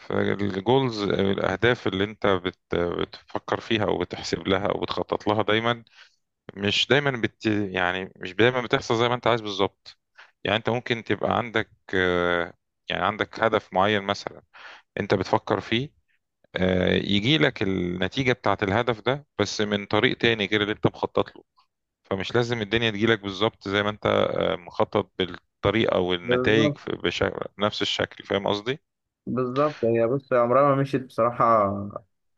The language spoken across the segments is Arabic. فالجولز أو الأهداف اللي أنت بتفكر فيها أو بتحسب لها أو بتخطط لها دايما. مش دايما بتحصل زي ما أنت عايز بالظبط. يعني أنت ممكن تبقى عندك آه، يعني عندك هدف معين مثلا أنت بتفكر فيه. يجي لك النتيجة بتاعت الهدف ده بس من طريق تاني غير اللي أنت مخطط له. فمش لازم الدنيا تجيلك بالظبط زي ما أنت مخطط بالطريقة والنتائج بالظبط، بشكل نفس الشكل. فاهم قصدي؟ بالظبط. هي عمرها ما مشيت بصراحة،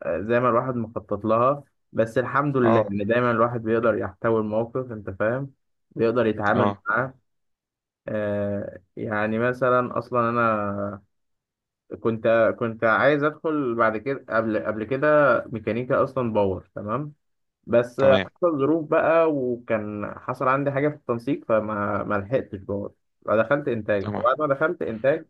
زي ما الواحد مخطط لها. بس الحمد لله اه، إن دايما الواحد بيقدر يحتوي الموقف، أنت فاهم، بيقدر يتعامل اه، معاه. يعني مثلا، أصلا أنا كنت عايز أدخل بعد كده، قبل كده ميكانيكا أصلا، باور تمام. بس تمام، حصل ظروف بقى، وكان حصل عندي حاجة في التنسيق، فما ما لحقتش باور. فدخلت إنتاج، تمام. فبعد ما دخلت إنتاج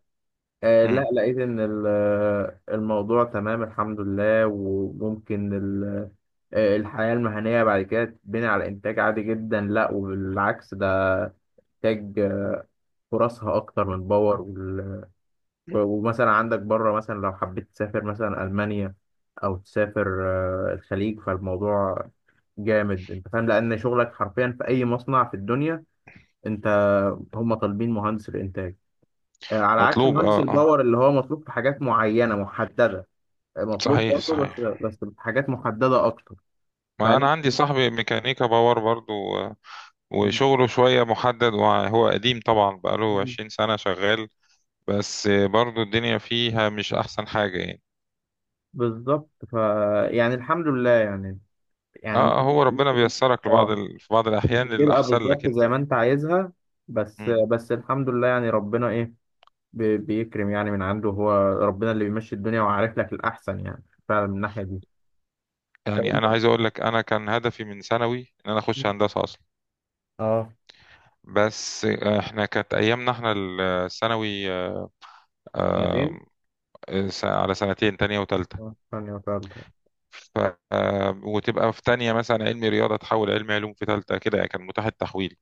لا، مم. لقيت ان الموضوع تمام الحمد لله، وممكن الحياة المهنية بعد كده تبني على انتاج عالي جدا، لا وبالعكس، ده انتاج، فرصها اكتر من باور، وال- و- ومثلا عندك بره، مثلا لو حبيت تسافر مثلا المانيا، او تسافر الخليج، فالموضوع جامد، انت فاهم، لان شغلك حرفيا في اي مصنع في الدنيا، انت هم طالبين مهندس الانتاج، على عكس مطلوب، مهندس اه، اه. الباور اللي هو مطلوب في حاجات معينة محددة. مطلوب صحيح، برضه، بس صحيح. بس بحاجات محددة أكتر. ما فلا. انا عندي صاحبي ميكانيكا باور برضو، وشغله شوية محدد وهو قديم طبعا بقاله مم. 20 سنة شغال. بس برضو الدنيا فيها مش احسن حاجة يعني. بالظبط. يعني الحمد لله يعني اه، يعني ممكن هو ربنا ممكن بيسرك اه، في بعض مش الاحيان بتبقى للاحسن لك بالظبط زي انت. ما أنت عايزها. بس مم. بس الحمد لله يعني، ربنا إيه، بيكرم يعني من عنده هو. ربنا اللي بيمشي الدنيا، وعارف لك الأحسن يعني، فعلا من الناحية دي. طب يعني أنت. انا عايز اقول لك انا كان هدفي من ثانوي ان انا اخش هندسة اصلا. اه، بس احنا كانت ايامنا احنا الثانوي، سنتين. على سنتين، تانية وتالتة. اه، ثانية وثالثة. ف... وتبقى في تانية مثلا علمي رياضة تحول علمي علوم في تالتة كده. يعني كان متاح التحويل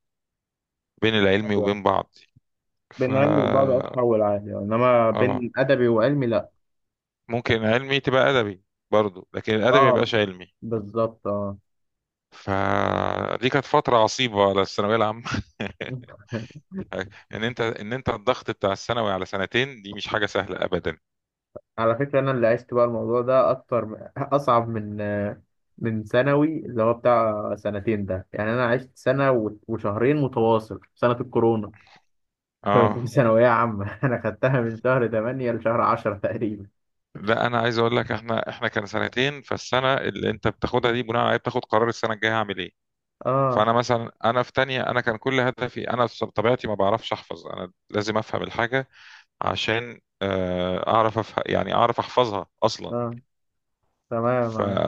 بين العلمي عادي أوي. وبين بعض. ف بين علمي وبعد أتحول عادي يعني، إنما اه، بين أدبي وعلمي لأ. ممكن علمي تبقى أدبي برضو، لكن الأدبي ما اه، يبقاش علمي. بالظبط. اه. فدي كانت فترة عصيبة على الثانوية العامة ان انت الضغط بتاع الثانوي على سنتين دي مش حاجة سهلة أبدا. على فكرة أنا اللي عشت بقى الموضوع ده أكتر، أصعب من ثانوي اللي هو بتاع سنتين ده، يعني أنا عشت سنة و- وشهرين متواصل في سنة الكورونا. اه، في ثانوية عامة. أنا خدتها من شهر تمانية لشهر عشرة تقريبا. لا، انا عايز اقول لك احنا كان سنتين. فالسنه اللي انت بتاخدها دي بناء عليها بتاخد قرار السنه الجايه هعمل ايه. آه، فانا مثلا في تانية، كان كل هدفي، انا في طبيعتي ما بعرفش احفظ، انا لازم افهم الحاجة عشان اعرف أفه... يعني اعرف احفظها اصلا. آه تمام ف معاك.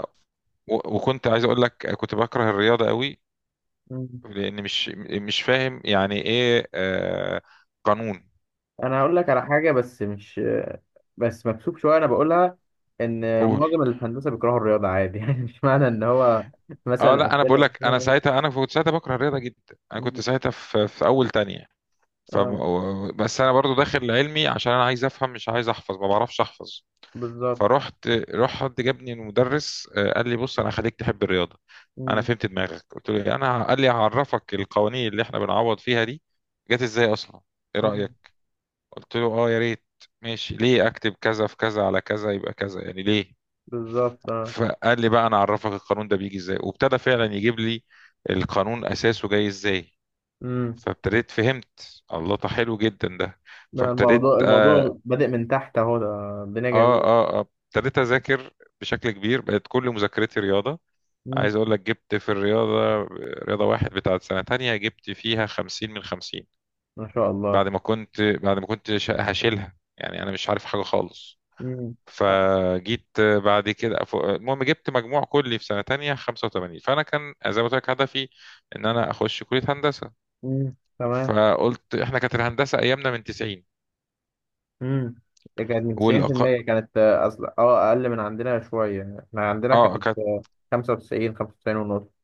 و- وكنت عايز اقول لك كنت بكره الرياضة قوي، مم. لان مش فاهم يعني ايه قانون. أنا هقول لك على حاجة، بس مش بس مكسوف شوية أنا بقولها، إن قول. معظم اللي في هندسة بيكرهوا الرياضة عادي. يعني مش معنى إن هو اه، مثلا لا، انا بقول أكلها. لك، انا ساعتها، انا كنت ساعتها بكره الرياضة جدا، انا كنت ساعتها في اول تانية. ف آه، بس انا برضو داخل علمي عشان انا عايز افهم، مش عايز احفظ، ما بعرفش احفظ. بالظبط. فرحت، راح حد جابني المدرس، قال لي بص، انا هخليك تحب الرياضه. انا مم. فهمت دماغك. قلت له إيه؟ انا قال لي هعرفك القوانين اللي احنا بنعوض فيها دي جت ازاي اصلا، ايه مم. رايك؟ قلت له، اه، يا ريت. ماشي، ليه اكتب كذا في كذا على كذا يبقى كذا؟ يعني ليه؟ بالظبط. اه. فقال لي بقى، انا اعرفك القانون ده بيجي ازاي، وابتدى فعلا يجيب لي القانون اساسه جاي ازاي. امم. فابتديت فهمت، الله ده حلو جدا ده. ده الموضوع اه، الموضوع بادئ من تحت اهو، ده الدنيا اه، جميلة. اه. ابتديت اذاكر بشكل كبير، بقت كل مذاكرتي رياضه. امم. عايز اقول لك، جبت في الرياضة، رياضة واحد بتاعت سنة تانية، جبت فيها 50 من 50، ما شاء الله. بعد ما كنت هشيلها، يعني انا مش عارف حاجة خالص. امم. فجيت بعد كده، المهم جبت مجموع كلي في سنة تانية 85. فأنا كان زي ما قلت لك هدفي إن أنا أخش كلية هندسة. تمام. فقلت، إحنا كانت الهندسة أيامنا من 90، امم. ده كانت من والأق... 90% كانت، أصل اه أقل من عندنا شوية، احنا عندنا آه كانت، كانت 95، 95 ونص.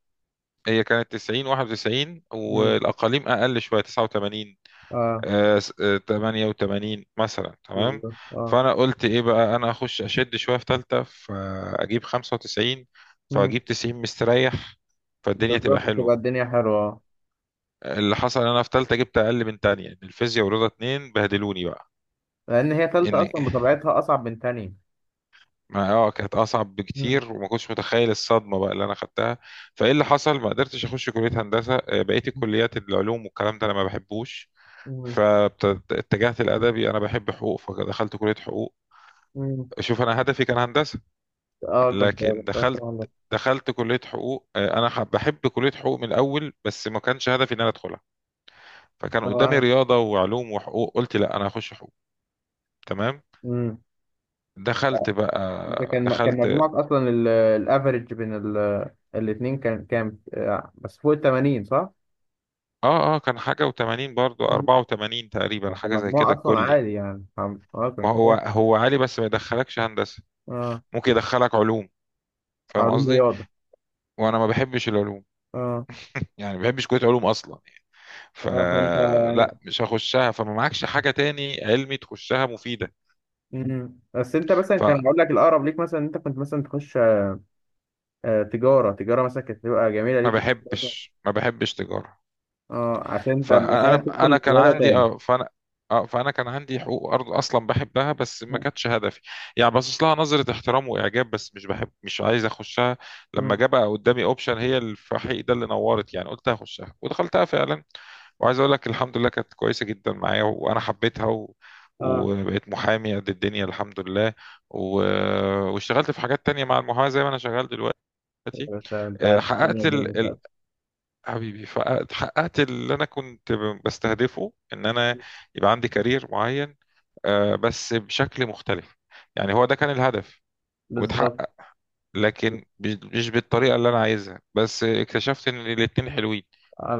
هي كانت 90، 91، امم. والأقاليم أقل شوية، 89، اه، 88 مثلا، تمام. بالظبط. اه. فانا قلت ايه بقى، انا اخش اشد شويه في ثالثه فاجيب 95، امم. فاجيب 90 مستريح، فالدنيا تبقى بالظبط، تبقى حلوه. الدنيا حلوة. اللي حصل إن انا في ثالثه جبت اقل من تانية، إن الفيزياء ورياضه اتنين بهدلوني بقى. لأن هي تالتة ان أصلا بطبيعتها أصعب من تانية. ما كانت اصعب امم. بكتير، وما كنتش متخيل الصدمه بقى اللي انا خدتها. فايه اللي حصل، ما قدرتش اخش كليه هندسه، بقيت الكليات العلوم والكلام ده انا ما بحبوش، امم. فاتجهت الادبي. انا بحب حقوق فدخلت كليه حقوق. امم. شوف، انا هدفي كان هندسه اه. لكن دخلت دخلت كليه حقوق، انا بحب كليه حقوق من الاول بس ما كانش هدفي ان انا ادخلها. فكان أنا قدامي معاك. رياضه وعلوم وحقوق، قلت لا، انا هخش حقوق. تمام، امم. دخلت ده بقى كان دخلت مجموعك اصلا، الافريج بين الاتنين كان كام، بس فوق ال 80، صح؟ اه، اه، كان حاجه و80، برضو مم. 84 تقريبا، كان حاجه زي مجموع كده اصلا الكلي. عالي، يعني فاهم؟ اه، كان ما هو كويس. هو عالي بس ما يدخلكش هندسه، اه، ممكن يدخلك علوم، فاهم علوم قصدي؟ رياضه. وانا ما بحبش العلوم، اه. يعني ما بحبش كليه علوم اصلا. اه. فانت فلا، يعني. مش هخشها. فما معكش حاجة تاني علمي تخشها مفيدة. مم. بس انت مثلا، فما كان اقول لك الاقرب ليك مثلا إن انت كنت مثلا تخش تجاره مثلا، كانت تبقى جميله ليك مثلا. بحبش ما بحبش تجارة. اه، عشان انت مش فانا عايز انا تدخل كان رياضه عندي تاني. اه فانا اه فانا كان عندي حقوق، ارض اصلا بحبها بس ما كانتش هدفي، يعني باصص لها نظرة احترام واعجاب بس مش بحب، مش عايز اخشها. لما جه مم. بقى قدامي اوبشن، هي الفحيح ده اللي نورت يعني، قلت هخشها ودخلتها فعلا. وعايز اقول لك، الحمد لله كانت كويسه جدا معايا وانا حبيتها. اه، وبقيت محامي قد الدنيا، الحمد لله. و... واشتغلت في حاجات تانية مع المحاماة زي ما انا شغال دلوقتي. بس انت آه، عارف، الدنيا حققت الدنيا مش لازمة. حبيبي، فحققت اللي انا كنت بستهدفه، ان انا يبقى عندي كارير معين، بس بشكل مختلف. يعني هو ده كان الهدف بالظبط. واتحقق، لكن مش بالطريقه اللي انا عايزها، بس اكتشفت ان الاتنين حلوين،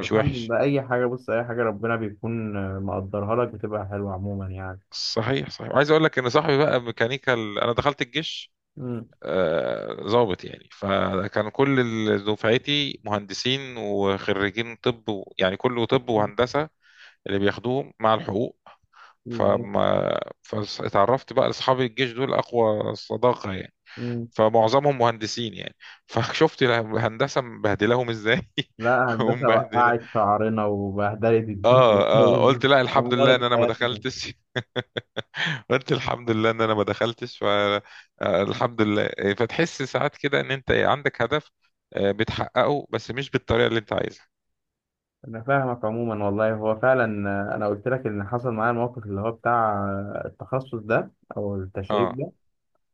مش وحش. لله، اي حاجه، بص، اي حاجه ربنا بيكون مقدرها لك بتبقى حلوه عموما يعني. صحيح، صحيح. وعايز اقول لك ان صاحبي بقى ميكانيكا، انا دخلت الجيش امم. ضابط يعني، فكان كل دفعتي مهندسين وخريجين طب، يعني كله طب وهندسه، اللي بياخدوهم مع الحقوق. بالظبط. فاتعرفت بقى لاصحاب الجيش دول اقوى صداقه يعني، مم. فمعظمهم مهندسين يعني فشفت الهندسه مبهدلاهم ازاي لا، هندسه ومبهدله. وقعت شعرنا وبهدلت الدنيا. اه، اه، قلت لا، الحمد لله ان ودمرت انا ما حياتنا. دخلتش. قلت الحمد لله ان انا ما دخلتش. ف آه، الحمد لله. فتحس ساعات كده ان انت عندك هدف بتحققه بس مش بالطريقه اللي انت عايزها. انا فاهمك عموما والله، هو فعلا انا قلت لك، ان حصل معايا الموقف اللي هو بتاع التخصص ده، او التشعيب اه. ده.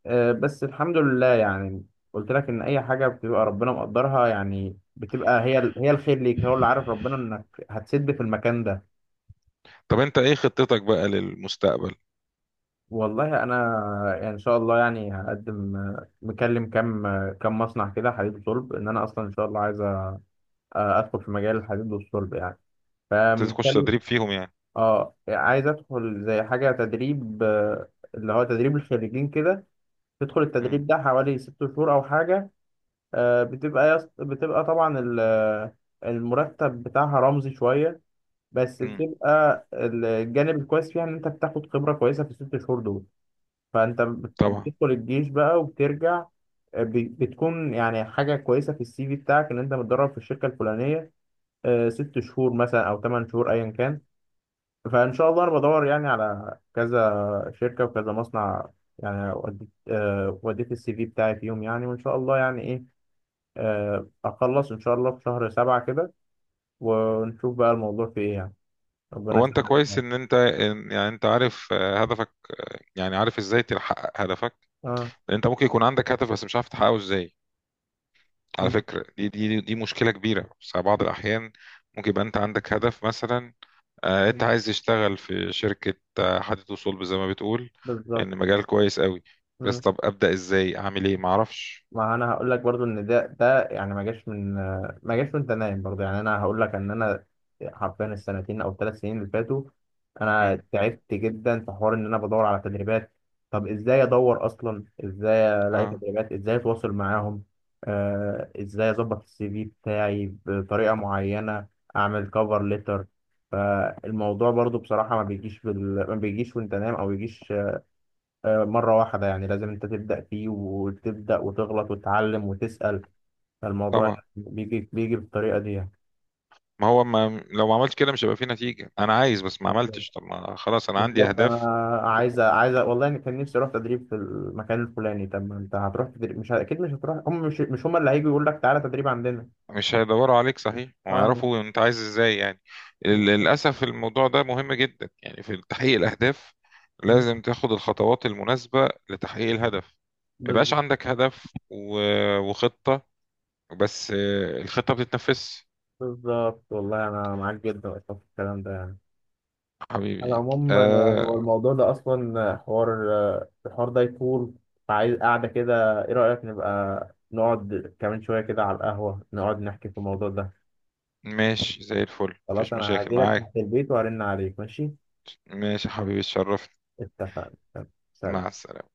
بس الحمد لله يعني. قلت لك ان اي حاجه بتبقى ربنا مقدرها يعني، بتبقى هي هي الخير ليك، هو اللي عارف، ربنا، انك هتسد في المكان ده. طب انت ايه خطتك بقى للمستقبل؟ والله انا، يعني ان شاء الله يعني هقدم. مكلم كام، كام مصنع كده حديد وصلب، ان انا اصلا ان شاء الله عايز ادخل في مجال الحديد والصلب يعني. تخش فمكلم. تدريب فيهم يعني؟ اه، عايز ادخل زي حاجه تدريب، اللي هو تدريب الخريجين كده، تدخل امم، التدريب ده حوالي ست شهور او حاجه. بتبقى بتبقى طبعا المرتب بتاعها رمزي شويه، بس امم، بتبقى الجانب الكويس فيها ان انت بتاخد خبره كويسه في الست شهور دول. فانت بت- طبعا. بتدخل الجيش بقى وبترجع، بتكون يعني حاجه كويسه في السي في بتاعك، ان انت متدرب في الشركه الفلانيه، ست شهور مثلا او ثمان شهور ايا كان. فان شاء الله انا بدور يعني على كذا شركه وكذا مصنع يعني، وديت وديت السي في بتاعي فيهم يعني. وان شاء الله يعني ايه، اخلص ان شاء الله في شهر سبعة كده، ونشوف بقى الموضوع في ايه يعني. ربنا هو انت كويس يسهل. ان انت عارف هدفك، يعني عارف ازاي تحقق هدفك. اه. لان انت ممكن يكون عندك هدف بس مش عارف تحققه ازاي. على م- فكرة دي مشكلة كبيرة، بس على بعض الاحيان ممكن يبقى انت عندك هدف مثلا، م- انت عايز تشتغل في شركة حديد وصلب زي ما بتقول بالظبط. ان مجال كويس قوي، بس طب ابدأ ازاي، اعمل ايه، معرفش. ما انا هقول لك برضو ان ده يعني، ما جاش وانت نايم برضو يعني. انا هقول لك ان انا حرفيا السنتين او الثلاث سنين اللي فاتوا، انا مم. تعبت جدا في حوار ان انا بدور على تدريبات. طب ازاي ادور اصلا؟ ازاي الاقي اه، تدريبات؟ ازاي اتواصل معاهم؟ ازاي اظبط السي في بتاعي بطريقه معينه؟ اعمل كفر ليتر. فالموضوع برضو بصراحه ما بيجيش ما بيجيش وانت نايم، او بيجيش مرة واحدة يعني، لازم أنت تبدأ فيه وتبدأ وتغلط وتتعلم وتسأل. فالموضوع طبعا. بيجي بالطريقة دي يعني. ما هو، ما لو ما عملتش كده مش هيبقى في نتيجة. انا عايز، بس ما عملتش. بالظبط. طب ما خلاص انا عندي بالظبط، أنا اهداف. عايز والله، أنا كان نفسي أروح تدريب في المكان الفلاني. طب ما أنت هتروح تدريب، مش أكيد مش هتروح، هم مش هم اللي هيجوا يقول لك تعالى تدريب عندنا. مش هيدوروا عليك، صحيح، أه، ويعرفوا انت عايز ازاي يعني. بالظبط. للاسف الموضوع ده مهم جدا يعني في تحقيق الاهداف. مم، لازم تاخد الخطوات المناسبه لتحقيق الهدف. ما يبقاش بالظبط. عندك هدف و- وخطه، بس الخطه بتتنفذ. بالظبط. والله أنا معاك جدا أصلا في الكلام ده يعني. على حبيبي. العموم، هو الموضوع ده أصلا، حوار، الحوار ده يطول، فعايز قاعدة كده، إيه رأيك نبقى نقعد كمان شوية كده على القهوة نقعد نحكي في الموضوع ده؟ ماشي، زي الفل، خلاص، مفيش أنا مشاكل هجيلك معاك. تحت البيت وهرن عليك، ماشي؟ ماشي يا حبيبي، اتشرفت. اتفقنا. سلام. مع السلامه.